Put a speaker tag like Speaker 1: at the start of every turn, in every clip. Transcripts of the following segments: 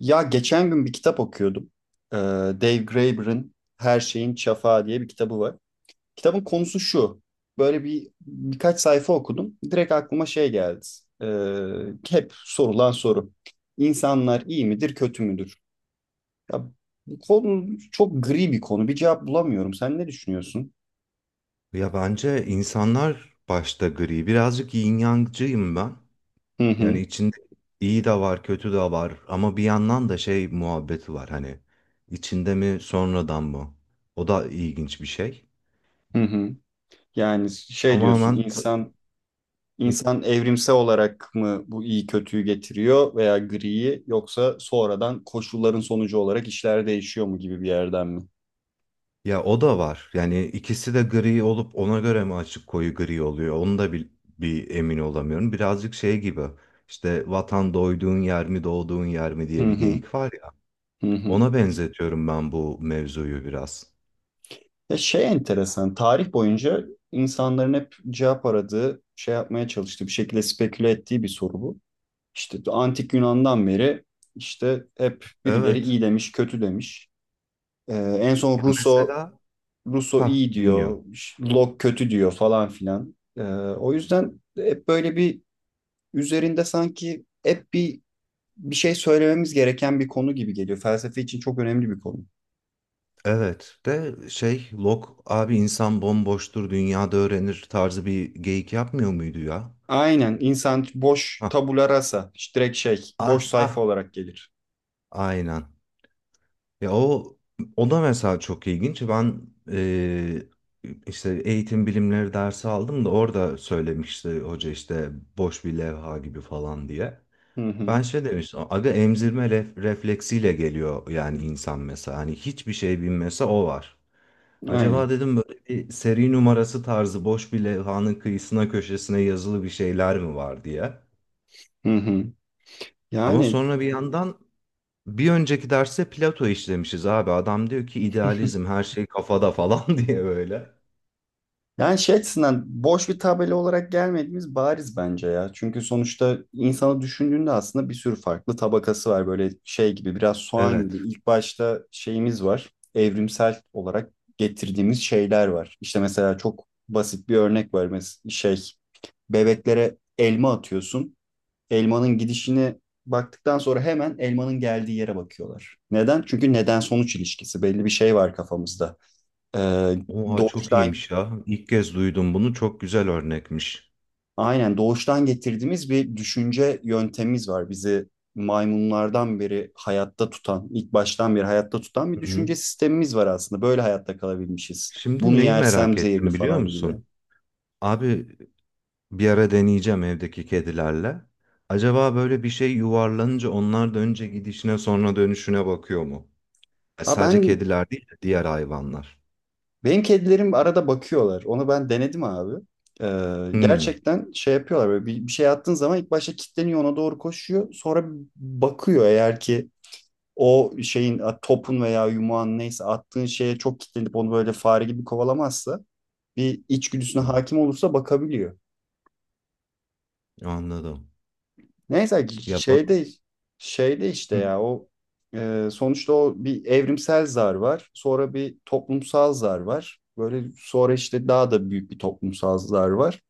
Speaker 1: Ya geçen gün bir kitap okuyordum. Ee, Dave Graeber'ın Her Şeyin Çafağı diye bir kitabı var. Kitabın konusu şu. Böyle bir birkaç sayfa okudum. Direkt aklıma şey geldi. Hep sorulan soru. İnsanlar iyi midir, kötü müdür? Ya, bu konu çok gri bir konu. Bir cevap bulamıyorum. Sen ne düşünüyorsun?
Speaker 2: Ya bence insanlar başta gri. Birazcık yin yangcıyım ben.
Speaker 1: Hı
Speaker 2: Yani
Speaker 1: hı,
Speaker 2: içinde iyi de var, kötü de var. Ama bir yandan da şey muhabbeti var hani. İçinde mi sonradan mı? O da ilginç bir şey.
Speaker 1: hı hı. Yani şey diyorsun,
Speaker 2: Tamamen t-
Speaker 1: İnsan evrimsel olarak mı bu iyi kötüyü getiriyor veya griyi yoksa sonradan koşulların sonucu olarak işler değişiyor mu gibi bir yerden mi?
Speaker 2: ya o da var. Yani ikisi de gri olup ona göre mi açık koyu gri oluyor? Onu da bir emin olamıyorum. Birazcık şey gibi. İşte vatan doyduğun yer mi doğduğun yer mi
Speaker 1: Hı
Speaker 2: diye bir
Speaker 1: hı,
Speaker 2: geyik var ya.
Speaker 1: hı hı.
Speaker 2: Ona benzetiyorum ben bu mevzuyu biraz.
Speaker 1: Ya şey enteresan, tarih boyunca insanların hep cevap aradığı, şey yapmaya çalıştığı, bir şekilde speküle ettiği bir soru bu. İşte antik Yunan'dan beri işte hep birileri
Speaker 2: Evet.
Speaker 1: iyi demiş, kötü demiş. Ee, En son
Speaker 2: Ya
Speaker 1: Rousseau,
Speaker 2: mesela
Speaker 1: Rousseau
Speaker 2: ha
Speaker 1: iyi diyor,
Speaker 2: dinliyorum.
Speaker 1: işte, Locke kötü diyor falan filan. O yüzden hep böyle üzerinde sanki hep bir şey söylememiz gereken bir konu gibi geliyor. Felsefe için çok önemli bir konu.
Speaker 2: Evet de şey Locke abi insan bomboştur dünyada öğrenir tarzı bir geyik yapmıyor muydu ya?
Speaker 1: Aynen insan boş
Speaker 2: Ha
Speaker 1: tabula rasa, işte direkt şey boş
Speaker 2: ah ah
Speaker 1: sayfa olarak gelir.
Speaker 2: aynen. Ya o da mesela çok ilginç. Ben eee, işte eğitim bilimleri dersi aldım da orada söylemişti hoca işte boş bir levha gibi falan diye.
Speaker 1: Hı
Speaker 2: Ben
Speaker 1: hı.
Speaker 2: şey demiştim aga emzirme refleksiyle geliyor yani insan mesela hani hiçbir şey bilmese o var. Acaba
Speaker 1: Aynen.
Speaker 2: dedim böyle bir seri numarası tarzı boş bir levhanın kıyısına köşesine yazılı bir şeyler mi var diye.
Speaker 1: Hı hı.
Speaker 2: Ama
Speaker 1: Yani
Speaker 2: sonra bir yandan bir önceki derste Plato işlemişiz abi. Adam diyor ki idealizm her şey kafada falan diye böyle.
Speaker 1: Yani şey açısından boş bir tabela olarak gelmediğimiz bariz bence ya. Çünkü sonuçta insanı düşündüğünde aslında bir sürü farklı tabakası var. Böyle şey gibi biraz soğan gibi.
Speaker 2: Evet.
Speaker 1: İlk başta şeyimiz var. Evrimsel olarak getirdiğimiz şeyler var. İşte mesela çok basit bir örnek var. Mesela şey bebeklere elma atıyorsun. Elmanın gidişini baktıktan sonra hemen elmanın geldiği yere bakıyorlar. Neden? Çünkü neden sonuç ilişkisi. Belli bir şey var kafamızda. Ee,
Speaker 2: Oha çok
Speaker 1: doğuştan
Speaker 2: iyiymiş ya. İlk kez duydum bunu. Çok güzel örnekmiş.
Speaker 1: aynen doğuştan getirdiğimiz bir düşünce yöntemimiz var. Bizi maymunlardan beri hayatta tutan, ilk baştan beri hayatta tutan bir
Speaker 2: Hı hı.
Speaker 1: düşünce sistemimiz var aslında. Böyle hayatta kalabilmişiz.
Speaker 2: Şimdi
Speaker 1: Bunu
Speaker 2: neyi merak
Speaker 1: yersem zehirli
Speaker 2: ettim biliyor
Speaker 1: falan gibi.
Speaker 2: musun? Abi bir ara deneyeceğim evdeki kedilerle. Acaba böyle bir şey yuvarlanınca onlar da önce gidişine sonra dönüşüne bakıyor mu?
Speaker 1: Ha,
Speaker 2: Sadece kediler değil de diğer hayvanlar.
Speaker 1: benim kedilerim arada bakıyorlar. Onu ben denedim abi.
Speaker 2: Hmm,
Speaker 1: Gerçekten şey yapıyorlar böyle bir, bir şey attığın zaman ilk başta kilitleniyor ona doğru koşuyor. Sonra bakıyor eğer ki o şeyin a, topun veya yumağın neyse attığın şeye çok kilitlenip onu böyle fare gibi kovalamazsa bir içgüdüsüne
Speaker 2: hmm,
Speaker 1: hakim olursa bakabiliyor.
Speaker 2: anladım.
Speaker 1: Neyse
Speaker 2: Ya bak,
Speaker 1: şeyde şeyde işte
Speaker 2: hmm,
Speaker 1: ya o sonuçta o bir evrimsel zar var. Sonra bir toplumsal zar var. Böyle sonra işte daha da büyük bir toplumsal zar var.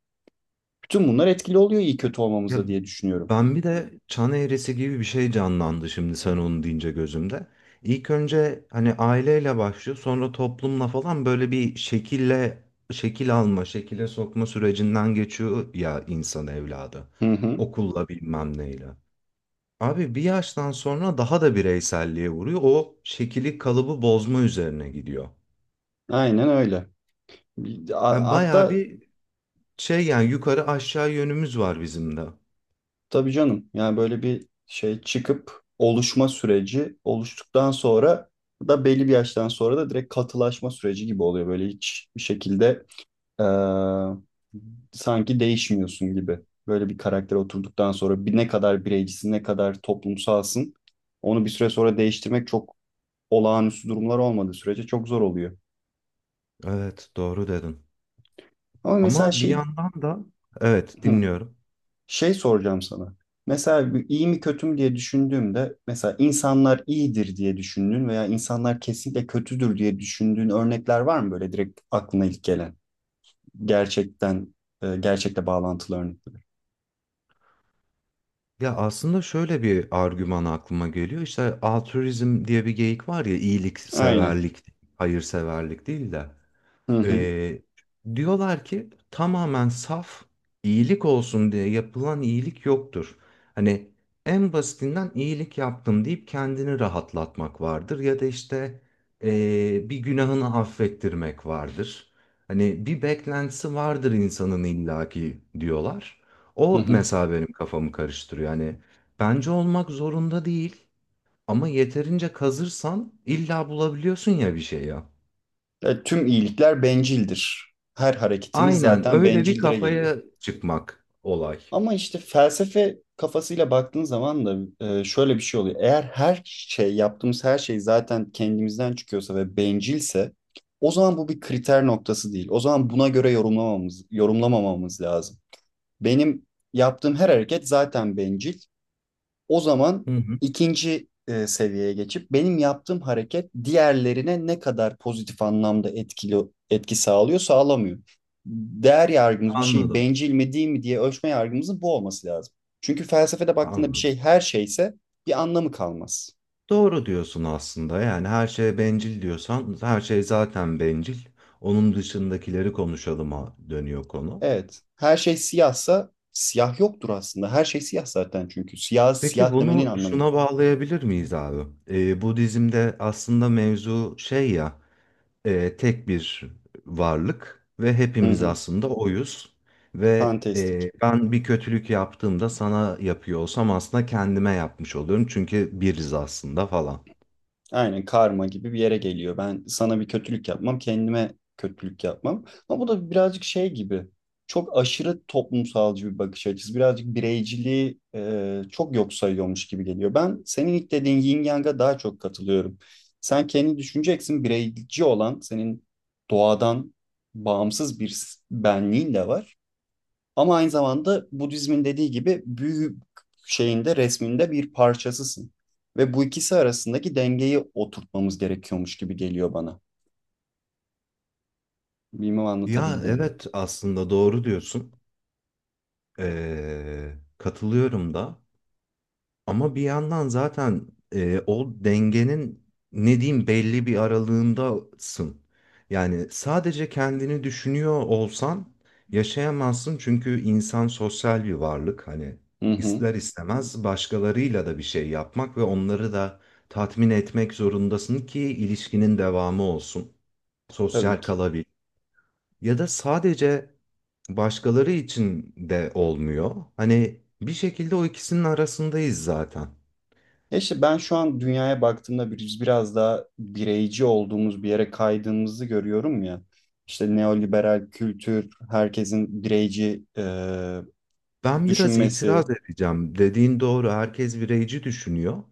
Speaker 1: Bütün bunlar etkili oluyor iyi kötü
Speaker 2: ya
Speaker 1: olmamızda diye düşünüyorum.
Speaker 2: ben bir de çan eğrisi gibi bir şey canlandı şimdi sen onu deyince gözümde. İlk önce hani aileyle başlıyor, sonra toplumla falan böyle bir şekille şekil alma, şekile sokma sürecinden geçiyor ya insan evladı.
Speaker 1: Hı hı.
Speaker 2: Okulla bilmem neyle. Abi bir yaştan sonra daha da bireyselliğe vuruyor. O şekili kalıbı bozma üzerine gidiyor.
Speaker 1: Aynen öyle.
Speaker 2: Yani bayağı
Speaker 1: Hatta
Speaker 2: bir şey yani yukarı aşağı yönümüz var bizim de.
Speaker 1: tabii canım yani böyle bir şey çıkıp oluşma süreci oluştuktan sonra da belli bir yaştan sonra da direkt katılaşma süreci gibi oluyor. Böyle hiç bir şekilde e, sanki değişmiyorsun gibi. Böyle bir karaktere oturduktan sonra ne kadar bireycisin, ne kadar toplumsalsın, onu bir süre sonra değiştirmek çok olağanüstü durumlar olmadığı sürece çok zor oluyor.
Speaker 2: Evet doğru dedin.
Speaker 1: Ama mesela
Speaker 2: Ama bir
Speaker 1: şey
Speaker 2: yandan da evet
Speaker 1: hı,
Speaker 2: dinliyorum.
Speaker 1: şey soracağım sana. Mesela bir iyi mi kötü mü diye düşündüğümde mesela insanlar iyidir diye düşündüğün veya insanlar kesinlikle kötüdür diye düşündüğün örnekler var mı böyle direkt aklına ilk gelen? Gerçekten gerçekle bağlantılı örnekler.
Speaker 2: Ya aslında şöyle bir argüman aklıma geliyor. İşte altruizm diye bir geyik var ya
Speaker 1: Aynen.
Speaker 2: iyilikseverlik, hayırseverlik değil de.
Speaker 1: Hı hı.
Speaker 2: Ee, Diyorlar ki tamamen saf iyilik olsun diye yapılan iyilik yoktur. Hani en basitinden iyilik yaptım deyip kendini rahatlatmak vardır ya da işte bir günahını affettirmek vardır. Hani bir beklentisi vardır insanın illaki diyorlar.
Speaker 1: Hı
Speaker 2: O
Speaker 1: hı.
Speaker 2: mesela benim kafamı karıştırıyor. Yani bence olmak zorunda değil ama yeterince kazırsan illa bulabiliyorsun ya bir şey ya.
Speaker 1: Tüm iyilikler bencildir. Her hareketimiz
Speaker 2: Aynen
Speaker 1: zaten
Speaker 2: öyle bir
Speaker 1: bencildire geliyor.
Speaker 2: kafaya çıkmak olay.
Speaker 1: Ama işte felsefe kafasıyla baktığın zaman da şöyle bir şey oluyor. Eğer her şey, yaptığımız her şey zaten kendimizden çıkıyorsa ve bencilse o zaman bu bir kriter noktası değil. O zaman buna göre yorumlamamamız lazım. Benim yaptığım her hareket zaten bencil. O zaman
Speaker 2: Hı hı.
Speaker 1: ikinci seviyeye geçip benim yaptığım hareket diğerlerine ne kadar pozitif anlamda etki sağlıyor, sağlamıyor. Değer yargımız bir şeyi
Speaker 2: Anladım,
Speaker 1: bencil mi değil mi diye ölçme yargımızın bu olması lazım. Çünkü felsefede baktığında bir
Speaker 2: anladım.
Speaker 1: şey her şeyse bir anlamı kalmaz.
Speaker 2: Doğru diyorsun aslında. Yani her şeye bencil diyorsan her şey zaten bencil. Onun dışındakileri konuşalıma dönüyor konu.
Speaker 1: Evet, her şey siyahsa siyah yoktur aslında. Her şey siyah zaten çünkü. Siyah
Speaker 2: Peki
Speaker 1: siyah demenin
Speaker 2: bunu
Speaker 1: anlamı yok.
Speaker 2: şuna bağlayabilir miyiz abi? Budizm'de aslında mevzu şey ya e, tek bir varlık ve
Speaker 1: Hı
Speaker 2: hepimiz
Speaker 1: hı.
Speaker 2: aslında oyuz. Ve
Speaker 1: Fantastik.
Speaker 2: e, ben bir kötülük yaptığımda sana yapıyor olsam aslında kendime yapmış oluyorum. Çünkü biriz aslında falan.
Speaker 1: Aynen karma gibi bir yere geliyor. Ben sana bir kötülük yapmam, kendime kötülük yapmam. Ama bu da birazcık şey gibi. Çok aşırı toplumsalcı bir bakış açısı. Birazcık bireyciliği çok yok sayıyormuş gibi geliyor. Ben senin ilk dediğin yin yang'a daha çok katılıyorum. Sen kendi düşüneceksin bireyci olan senin doğadan bağımsız bir benliğin de var. Ama aynı zamanda Budizmin dediği gibi büyü şeyinde resminde bir parçasısın. Ve bu ikisi arasındaki dengeyi oturtmamız gerekiyormuş gibi geliyor bana. Bilmem
Speaker 2: Ya
Speaker 1: anlatabildim mi?
Speaker 2: evet aslında doğru diyorsun. E, katılıyorum da. Ama bir yandan zaten e, o dengenin ne diyeyim belli bir aralığındasın. Yani sadece kendini düşünüyor olsan yaşayamazsın çünkü insan sosyal bir varlık. Hani
Speaker 1: Hı hı,
Speaker 2: ister istemez başkalarıyla da bir şey yapmak ve onları da tatmin etmek zorundasın ki ilişkinin devamı olsun.
Speaker 1: tabii
Speaker 2: Sosyal
Speaker 1: ki.
Speaker 2: kalabil. Ya da sadece başkaları için de olmuyor. Hani bir şekilde o ikisinin arasındayız zaten.
Speaker 1: E işte ben şu an dünyaya baktığımda biz biraz daha bireyci olduğumuz bir yere kaydığımızı görüyorum ya. İşte neoliberal kültür, herkesin bireyci
Speaker 2: Ben biraz itiraz
Speaker 1: düşünmesi.
Speaker 2: edeceğim. Dediğin doğru. Herkes bireyci düşünüyor.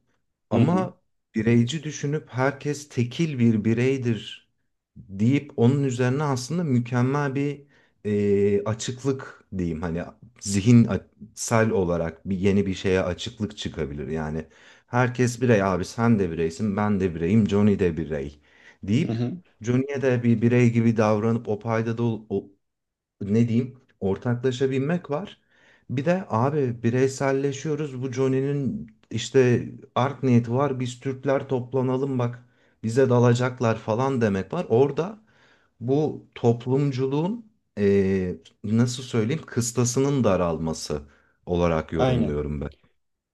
Speaker 1: Hı hı,
Speaker 2: Ama bireyci düşünüp herkes tekil bir bireydir deyip onun üzerine aslında mükemmel bir e, açıklık diyeyim. Hani zihinsel olarak bir yeni bir şeye açıklık çıkabilir. Yani herkes birey abi sen de bireysin ben de bireyim Johnny de birey
Speaker 1: hı
Speaker 2: deyip
Speaker 1: hı,
Speaker 2: Johnny'e de bir birey gibi davranıp o paydada ne diyeyim ortaklaşa binmek var. Bir de abi bireyselleşiyoruz. Bu Johnny'nin işte art niyeti var. Biz Türkler toplanalım bak bize dalacaklar falan demek var. Orada bu toplumculuğun eee, nasıl söyleyeyim kıstasının daralması olarak
Speaker 1: aynen.
Speaker 2: yorumluyorum ben.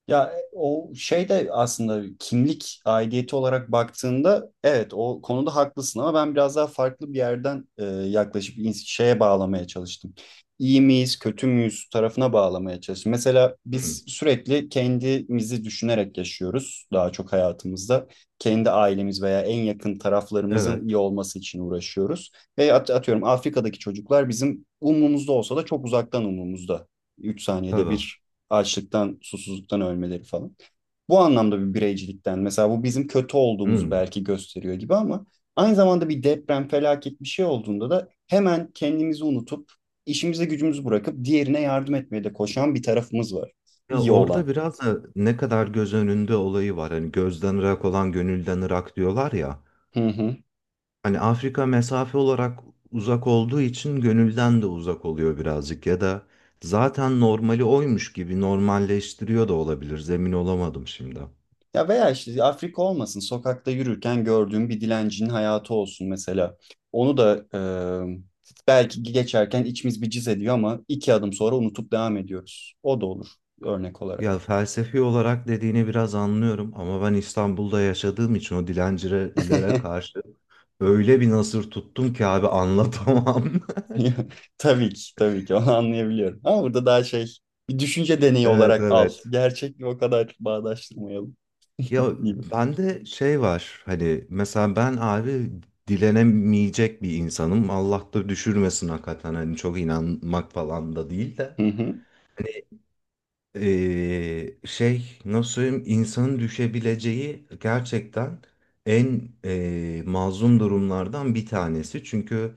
Speaker 1: Ya e, o şey de aslında kimlik aidiyeti olarak baktığında evet o konuda haklısın ama ben biraz daha farklı bir yerden yaklaşıp şeye bağlamaya çalıştım. İyi miyiz, kötü müyüz tarafına bağlamaya çalıştım. Mesela
Speaker 2: Hı,
Speaker 1: biz sürekli kendimizi düşünerek yaşıyoruz daha çok hayatımızda. Kendi ailemiz veya en yakın taraflarımızın iyi
Speaker 2: evet
Speaker 1: olması için uğraşıyoruz. Ve atıyorum Afrika'daki çocuklar bizim umrumuzda olsa da çok uzaktan umrumuzda. 3 saniyede
Speaker 2: tabii.
Speaker 1: bir açlıktan, susuzluktan ölmeleri falan. Bu anlamda bir bireycilikten mesela bu bizim kötü olduğumuzu
Speaker 2: Hı.
Speaker 1: belki gösteriyor gibi ama aynı zamanda bir deprem, felaket bir şey olduğunda da hemen kendimizi unutup işimize gücümüzü bırakıp diğerine yardım etmeye de koşan bir tarafımız var.
Speaker 2: Ya
Speaker 1: İyi
Speaker 2: orada
Speaker 1: olan.
Speaker 2: biraz da ne kadar göz önünde olayı var. Hani gözden ırak olan gönülden ırak diyorlar ya.
Speaker 1: Hı hı.
Speaker 2: Hani Afrika mesafe olarak uzak olduğu için gönülden de uzak oluyor birazcık ya da zaten normali oymuş gibi normalleştiriyor da olabilir. Zemin olamadım şimdi.
Speaker 1: Ya veya işte Afrika olmasın, sokakta yürürken gördüğüm bir dilencinin hayatı olsun mesela. Onu da belki geçerken içimiz bir cız ediyor ama iki adım sonra unutup devam ediyoruz. O da olur örnek
Speaker 2: Ya
Speaker 1: olarak.
Speaker 2: felsefi olarak dediğini biraz anlıyorum ama ben İstanbul'da yaşadığım için o dilencilere karşı öyle bir nasır tuttum ki abi anlatamam.
Speaker 1: Tabii ki, tabii ki onu anlayabiliyorum. Ama burada daha şey bir düşünce deneyi
Speaker 2: Evet
Speaker 1: olarak al.
Speaker 2: evet.
Speaker 1: Gerçekle o kadar bağdaştırmayalım
Speaker 2: Ya
Speaker 1: gibi.
Speaker 2: bende şey var hani mesela ben abi dilenemeyecek bir insanım. Allah da düşürmesin hakikaten hani çok inanmak falan da değil
Speaker 1: Hı
Speaker 2: de.
Speaker 1: hı.
Speaker 2: Şey nasıl söyleyeyim insanın düşebileceği gerçekten en mazlum durumlardan bir tanesi. Çünkü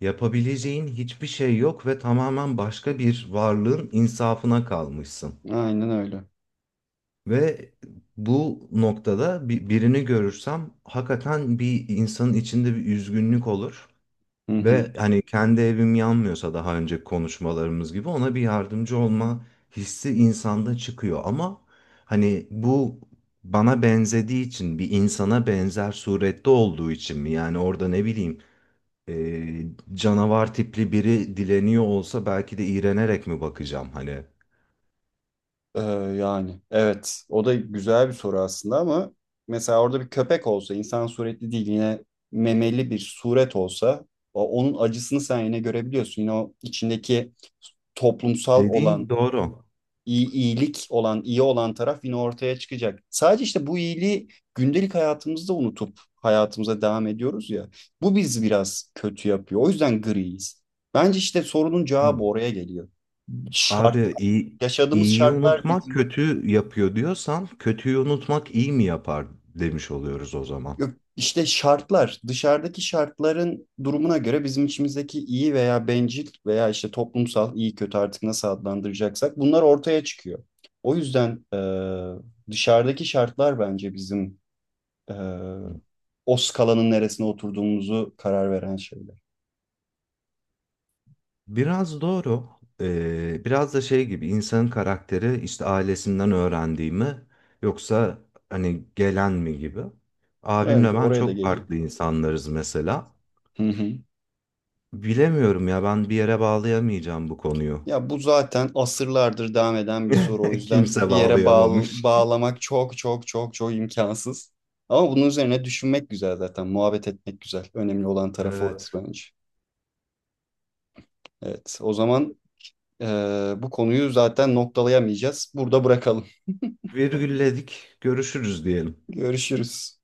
Speaker 2: yapabileceğin hiçbir şey yok ve tamamen başka bir varlığın insafına kalmışsın.
Speaker 1: Aynen öyle.
Speaker 2: Ve bu noktada birini görürsem hakikaten bir insanın içinde bir üzgünlük olur.
Speaker 1: Hı hı.
Speaker 2: Ve hani kendi evim yanmıyorsa daha önce konuşmalarımız gibi ona bir yardımcı olma hissi insanda çıkıyor. Ama hani bu bana benzediği için bir insana benzer surette olduğu için mi? Yani orada ne bileyim e, canavar tipli biri dileniyor olsa belki de iğrenerek mi bakacağım hani?
Speaker 1: Ee, Yani evet o da güzel bir soru aslında ama mesela orada bir köpek olsa insan suretli değil yine memeli bir suret olsa onun acısını sen yine görebiliyorsun. Yine o içindeki toplumsal
Speaker 2: Dediğin
Speaker 1: olan
Speaker 2: doğru.
Speaker 1: iyilik olan, iyi olan taraf yine ortaya çıkacak. Sadece işte bu iyiliği gündelik hayatımızda unutup hayatımıza devam ediyoruz ya. Bu bizi biraz kötü yapıyor. O yüzden griyiz. Bence işte sorunun
Speaker 2: Hı.
Speaker 1: cevabı oraya geliyor.
Speaker 2: Abi
Speaker 1: Şart,
Speaker 2: iyi,
Speaker 1: yaşadığımız
Speaker 2: iyiyi
Speaker 1: şartlar
Speaker 2: unutmak
Speaker 1: bizim
Speaker 2: kötü yapıyor diyorsan kötüyü unutmak iyi mi yapar demiş oluyoruz o zaman.
Speaker 1: yok, işte şartlar, dışarıdaki şartların durumuna göre bizim içimizdeki iyi veya bencil veya işte toplumsal iyi kötü artık nasıl adlandıracaksak bunlar ortaya çıkıyor. O yüzden dışarıdaki şartlar bence bizim e,
Speaker 2: Hı.
Speaker 1: o skalanın neresine oturduğumuzu karar veren şeyler.
Speaker 2: Biraz doğru. Biraz da şey gibi insanın karakteri işte ailesinden öğrendiği mi yoksa hani gelen mi gibi.
Speaker 1: Evet,
Speaker 2: Abimle ben
Speaker 1: oraya da
Speaker 2: çok
Speaker 1: geliyor.
Speaker 2: farklı insanlarız mesela.
Speaker 1: Hı hı.
Speaker 2: Bilemiyorum ya ben bir yere bağlayamayacağım bu konuyu.
Speaker 1: Ya bu zaten asırlardır devam eden bir soru. O yüzden
Speaker 2: Kimse
Speaker 1: bir yere
Speaker 2: bağlayamamış.
Speaker 1: bağlamak çok çok çok çok imkansız. Ama bunun üzerine düşünmek güzel zaten. Muhabbet etmek güzel. Önemli olan tarafı
Speaker 2: Evet.
Speaker 1: orası bence. Evet, o zaman e, bu konuyu zaten noktalayamayacağız. Burada bırakalım.
Speaker 2: Virgülledik. Görüşürüz diyelim.
Speaker 1: Görüşürüz.